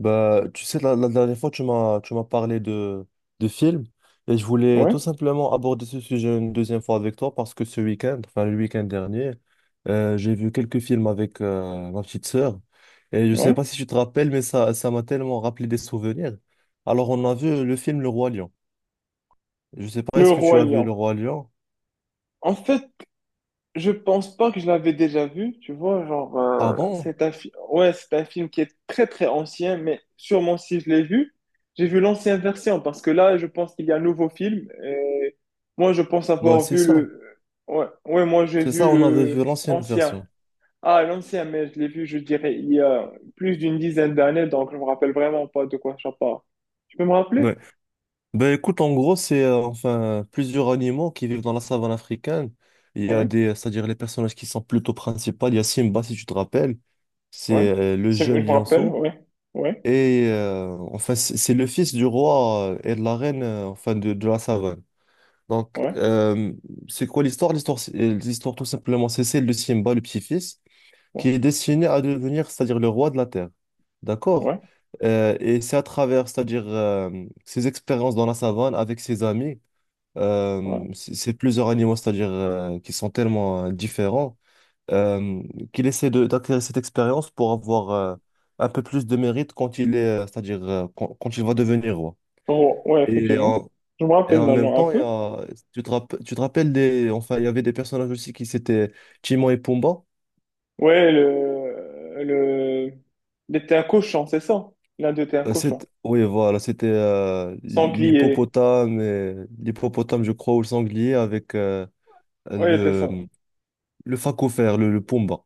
Bah, tu sais, la dernière fois, tu m'as parlé de films et je voulais Ouais, tout simplement aborder ce sujet une deuxième fois avec toi parce que ce week-end, enfin le week-end dernier, j'ai vu quelques films avec ma petite sœur et je sais ouais. pas si tu te rappelles, mais ça m'a tellement rappelé des souvenirs. Alors, on a vu le film Le Roi Lion. Je sais pas, Le est-ce que tu Roi as vu Le Lion. Roi Lion? En fait, je pense pas que je l'avais déjà vu, tu vois, Ah bon? c'est un, ouais, c'est un film qui est très très ancien, mais sûrement si je l'ai vu, j'ai vu l'ancienne version, parce que là, je pense qu'il y a un nouveau film, et moi, je pense Moi, avoir c'est vu ça. le, ouais, moi, j'ai C'est vu ça, on avait vu le l'ancienne ancien. version. Ah, l'ancien, mais je l'ai vu, je dirais, il y a plus d'une dizaine d'années, donc je me rappelle vraiment pas de quoi ça parle. Tu peux me rappeler? Ouais. Ben écoute, en gros, c'est enfin plusieurs animaux qui vivent dans la savane africaine. Il y a Ouais, des, c'est-à-dire les personnages qui sont plutôt principaux. Il y a Simba, si tu te rappelles, ouais. c'est le jeune Je me rappelle, lionceau. ouais, ouais, Et enfin, c'est le fils du roi et de la reine enfin de la savane. Donc, ouais. C'est quoi l'histoire? L'histoire, l'histoire tout simplement, c'est celle de Simba, le petit-fils, qui Ouais, est destiné à devenir, c'est-à-dire le roi de la terre. D'accord? ouais, Et c'est à travers, c'est-à-dire ses expériences dans la savane avec ses amis ouais. C'est plusieurs animaux, c'est-à-dire qui sont tellement différents, euh, qu'il essaie d'acquérir cette expérience pour avoir un peu plus de mérite quand il est, c'est-à-dire quand il va devenir roi. Oh, ouais, Et effectivement. en, Je me et rappelle en même maintenant un temps, peu. Tu te rappelles des, enfin, il y avait des personnages aussi qui c'était Timon et Pumba. Ouais, il était un cochon, c'est ça? L'un d'eux était un cochon. Oui, voilà, c'était Sanglier. L'hippopotame, je crois, ou le sanglier avec Ouais, il était ça. le, le phacophère, le Pumba.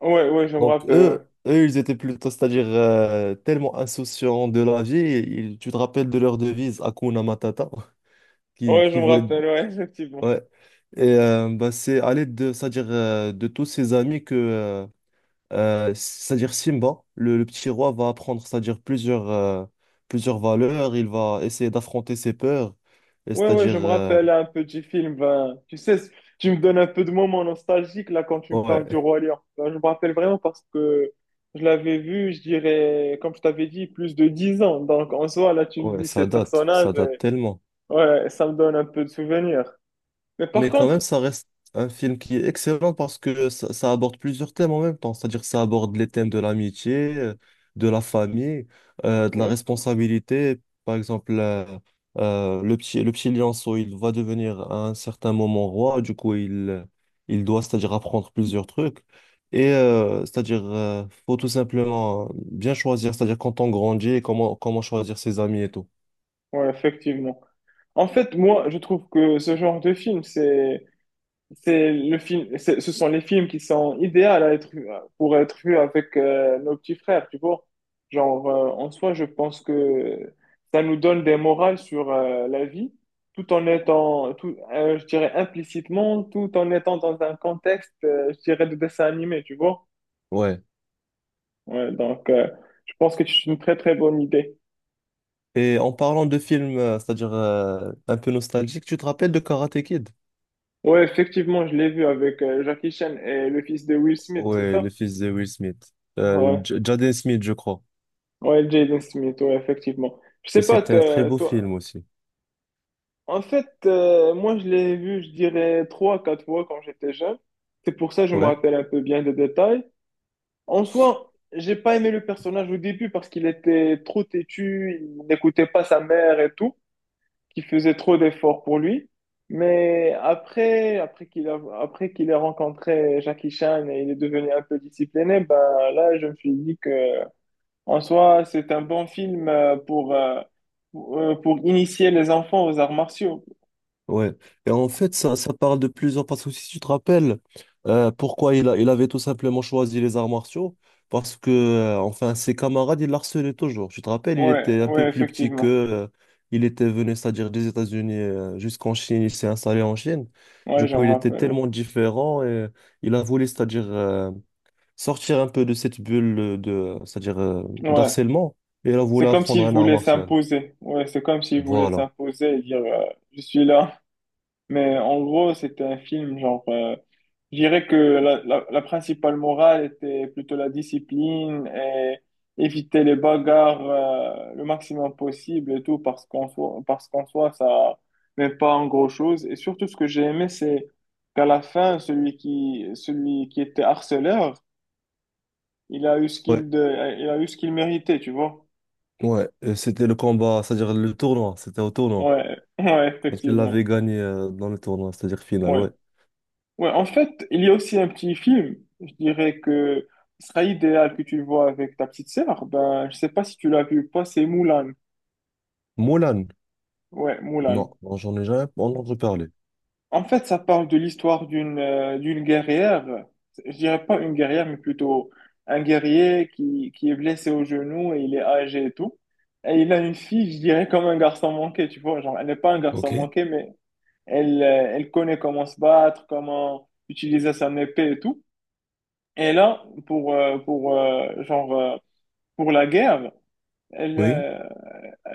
Ouais, ouais, je me Donc rappelle, ouais. eux, ils étaient plutôt, c'est-à-dire tellement insouciants de la vie, tu te rappelles de leur devise Hakuna Matata, Ouais, je qui me voulait, rappelle, ouais, effectivement. ouais. Et bah, c'est à l'aide de, c'est-à-dire de tous ses amis que, c'est-à-dire Simba, le petit roi, va apprendre, c'est-à-dire plusieurs valeurs, il va essayer d'affronter ses peurs, et Ouais, ouais, c'est-à-dire, je me rappelle un petit film, ben, tu sais, tu me donnes un peu de moments nostalgiques, là, quand tu me parles du ouais, Roi Lion. Ben, je me rappelle vraiment parce que je l'avais vu, je dirais, comme je t'avais dit, plus de 10 ans. Donc, en soi, là, tu me ouais, dis ces personnages, ça date tellement. ouais, ça me donne un peu de souvenirs. Mais par Mais quand même, contre, ça reste un film qui est excellent parce que ça aborde plusieurs thèmes en même temps. C'est-à-dire que ça aborde les thèmes de l'amitié, de la famille, de la ouais, responsabilité. Par exemple, le petit lionceau, il va devenir à un certain moment roi. Du coup, il doit, c'est-à-dire apprendre plusieurs trucs. Et c'est-à-dire, faut tout simplement bien choisir, c'est-à-dire quand on grandit et comment choisir ses amis et tout. ouais, effectivement. En fait, moi, je trouve que ce genre de film, c'est le film, ce sont les films qui sont idéaux à être, pour être vus avec nos petits frères, tu vois. En soi, je pense que ça nous donne des morales sur la vie, tout en étant, tout, je dirais implicitement, tout en étant dans un contexte, je dirais, de dessin animé, tu vois. Ouais. Ouais, donc, je pense que c'est une très, très bonne idée. Et en parlant de films, c'est-à-dire un peu nostalgique, tu te rappelles de Karate Kid? Ouais, effectivement, je l'ai vu avec Jackie Chan et le fils de Will Smith, c'est Ouais, le ça? fils de Will Smith. Ouais, Jaden Smith, je crois. ouais, Jaden Smith, ouais, effectivement. Je sais Et pas, c'était un très beau film toi, aussi. en fait, moi, je l'ai vu, je dirais, trois, quatre fois quand j'étais jeune. C'est pour ça que je me Ouais. rappelle un peu bien des détails. En soi, j'ai pas aimé le personnage au début parce qu'il était trop têtu, il n'écoutait pas sa mère et tout. Qui faisait trop d'efforts pour lui. Mais après, après qu'il ait rencontré Jackie Chan et il est devenu un peu discipliné, ben là, je me suis dit que, en soi, c'est un bon film pour initier les enfants aux arts martiaux. Ouais. Et en fait, ça parle de plusieurs. Parce que si tu te rappelles, pourquoi il avait tout simplement choisi les arts martiaux? Parce que, enfin, ses camarades, il harcelaient toujours. Tu te rappelles, il Ouais, était un peu ouais, plus petit que effectivement. Il était venu, c'est-à-dire des États-Unis jusqu'en Chine. Il s'est installé en Chine. Ouais, Du je coup, me il était rappelle. tellement différent et il a voulu, c'est-à-dire sortir un peu de cette bulle de, c'est-à-dire Ouais. Ouais. d'harcèlement. Et il a C'est voulu comme apprendre s'il un art voulait martial. s'imposer. Ouais, c'est comme s'il voulait Voilà. s'imposer et dire, je suis là. Mais en gros, c'était un film, je dirais que la principale morale était plutôt la discipline et éviter les bagarres, le maximum possible et tout, parce qu'en soi, ça n'est pas en gros chose. Et surtout, ce que j'ai aimé, c'est qu'à la fin, celui qui était harceleur, il a eu ce qu'il de, il a eu ce qu'il méritait, tu vois. Ouais, c'était le combat, c'est-à-dire le tournoi, c'était au tournoi. Ouais, ouais, Quand il effectivement. l'avait gagné dans le tournoi, c'est-à-dire final, Ouais. ouais. Ouais, en fait, il y a aussi un petit film, je dirais que ce sera idéal que tu le vois avec ta petite sœur. Ben, je sais pas si tu l'as vu ou pas, c'est Moulin. Moulin, Ouais, Moulin. Non, j'en ai jamais entendu parler. En fait, ça parle de l'histoire d'une guerrière. Je dirais pas une guerrière, mais plutôt un guerrier qui est blessé au genou et il est âgé et tout. Et il a une fille, je dirais, comme un garçon manqué, tu vois. Genre, elle n'est pas un Ok. garçon manqué, mais elle connaît comment se battre, comment utiliser son épée et tout. Et là, pour la guerre, elle, Oui, euh,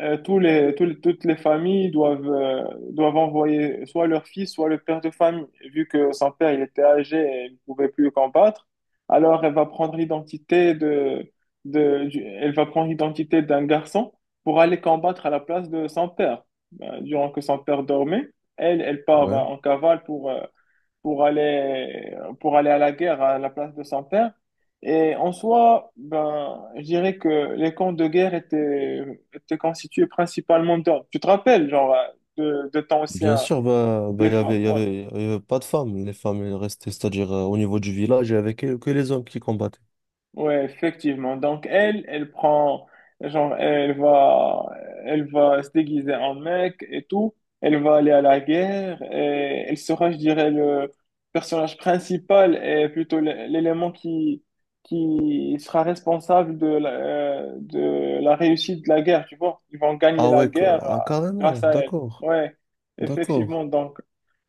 tous les, toutes les familles doivent, doivent envoyer soit leur fils, soit le père de famille. Vu que son père, il était âgé et il ne pouvait plus combattre, alors elle va prendre l'identité de, elle va prendre l'identité d'un garçon pour aller combattre à la place de son père. Ben, durant que son père dormait, elle, elle part ouais. en cavale pour, pour aller, pour aller à la guerre à la place de son père. Et en soi, ben, je dirais que les camps de guerre étaient, étaient constitués principalement d'hommes. Tu te rappelles, genre, de temps Bien anciens, sûr, bah, les femmes, ouais. Il y avait pas de femmes. Les femmes, elles restaient, c'est-à-dire au niveau du village, il y avait que les hommes qui combattaient. Ouais, effectivement. Donc elle, genre, elle va, elle va se déguiser en mec et tout. Elle va aller à la guerre et elle sera, je dirais, le personnage principal et plutôt l'élément qui sera responsable de la réussite de la guerre, tu vois. Ils vont gagner Ah la ouais, guerre carrément, grâce à elle. d'accord, Ouais, d'accord. effectivement. Donc,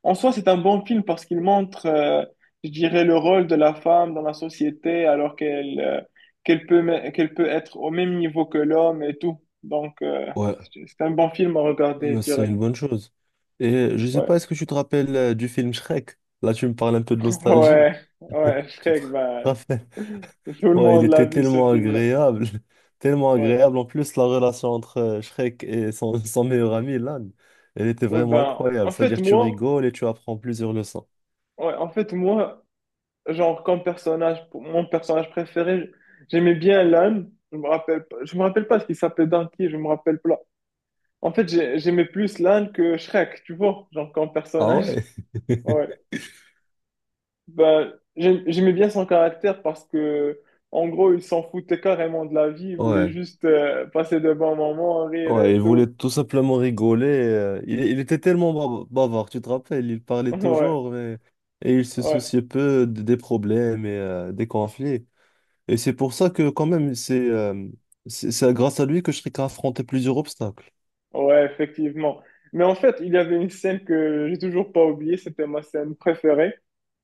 en soi, c'est un bon film parce qu'il montre, je dirais, le rôle de la femme dans la société alors qu'elle peut, qu'elle peut être au même niveau que l'homme et tout. Donc, Ouais, c'est un bon film à regarder, je mais c'est dirais. une bonne chose. Et je sais Ouais, pas, est-ce que tu te rappelles du film Shrek? Là, tu me parles un peu de nostalgie. ouais, ouais, Tu te Shrek, ben, rappelles? tout le Ouais, il monde l'a était vu, ce tellement film-là. agréable, tellement Ouais, agréable. En plus, la relation entre Shrek et son, son meilleur ami, Lan, elle était ouais, vraiment ben, incroyable. en fait, C'est-à-dire, tu moi, rigoles et tu apprends plusieurs leçons. ouais, en fait, moi, comme personnage, mon personnage préféré, j'aimais bien l'âne. Je me rappelle pas, je me rappelle pas ce qu'il s'appelait dans qui, je me rappelle pas. En fait, j'aimais plus l'Inde que Shrek, tu vois, genre comme Ah personnage. ouais? Ouais. Ben, j'aimais bien son caractère parce que, en gros, il s'en foutait carrément de la vie, il voulait Ouais. juste passer de bons moments, rire Ouais, et il voulait tout. tout simplement rigoler. Il était tellement bavard, tu te rappelles, il parlait Ouais, toujours mais- et il se ouais, souciait peu des problèmes et des conflits. Et c'est pour ça que quand même, c'est grâce à lui que Shrek a affronté plusieurs obstacles. ouais, effectivement. Mais en fait, il y avait une scène que j'ai toujours pas oubliée, c'était ma scène préférée.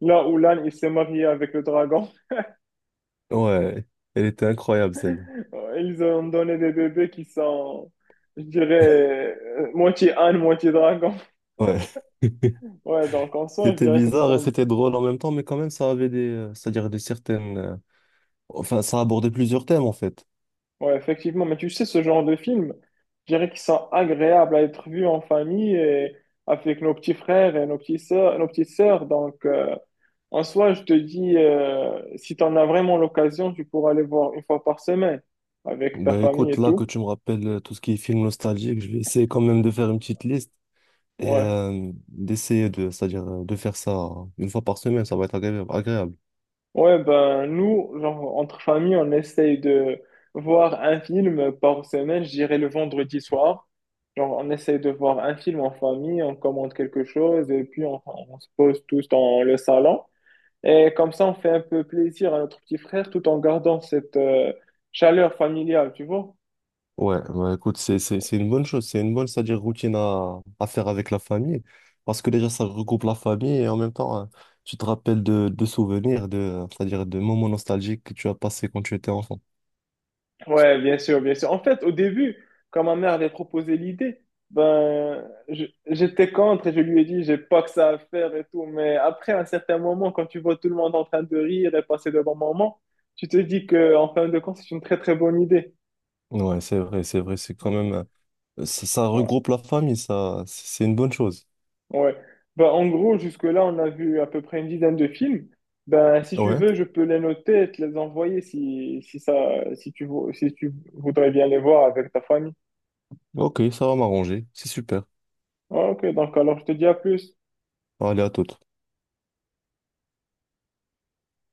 Là où l'âne, il s'est marié avec le dragon. Ouais, elle était incroyable celle-là. Ils ont donné des bébés qui sont, je dirais, moitié âne, moitié dragon. Ouais. Ouais, donc en soi, je C'était dirais que ce bizarre et sont... c'était drôle en même temps, mais quand même, ça avait des, c'est-à-dire des certaines, enfin, ça abordait plusieurs thèmes en fait. Ouais, effectivement, mais tu sais, ce genre de films, je dirais qu'ils sont agréables à être vus en famille et avec nos petits frères et nos petits sœurs, nos petites sœurs. Donc, en soi, je te dis, si tu en as vraiment l'occasion, tu pourras aller voir une fois par semaine avec ta Ben famille écoute, et là que tout. tu me rappelles tout ce qui est film nostalgique, je vais essayer quand même de faire une petite liste et Ouais. D'essayer de, c'est-à-dire de faire ça une fois par semaine, ça va être agréable. Ouais, ben nous, genre, entre familles, on essaye de voir un film par semaine, je dirais le vendredi soir. Genre, on essaye de voir un film en famille, on commande quelque chose et puis on se pose tous dans le salon. Et comme ça, on fait un peu plaisir à notre petit frère tout en gardant cette chaleur familiale, tu vois. Ouais, bah écoute, c'est une bonne chose, c'est une bonne, c'est-à-dire routine à faire avec la famille, parce que déjà ça regroupe la famille et en même temps, hein, tu te rappelles de souvenirs, de, c'est-à-dire de moments nostalgiques que tu as passés quand tu étais enfant. Ouais, bien sûr, bien sûr. En fait, au début, quand ma mère avait proposé l'idée, ben, j'étais contre et je lui ai dit, j'ai pas que ça à faire et tout. Mais après, à un certain moment, quand tu vois tout le monde en train de rire et passer de bons moments, tu te dis que, en fin de compte, c'est une très, très bonne idée. Ouais, c'est vrai, c'est quand même, ça Ouais, regroupe la famille, ça, c'est une bonne chose. ouais. Ben, en gros, jusque-là, on a vu à peu près une dizaine de films. Ben, si tu Ouais, veux, je peux les noter et te les envoyer si, si ça, si tu, si tu voudrais bien les voir avec ta famille. ok, ça va m'arranger, c'est super. Ouais, ok, donc alors je te dis à plus. Allez, à toute.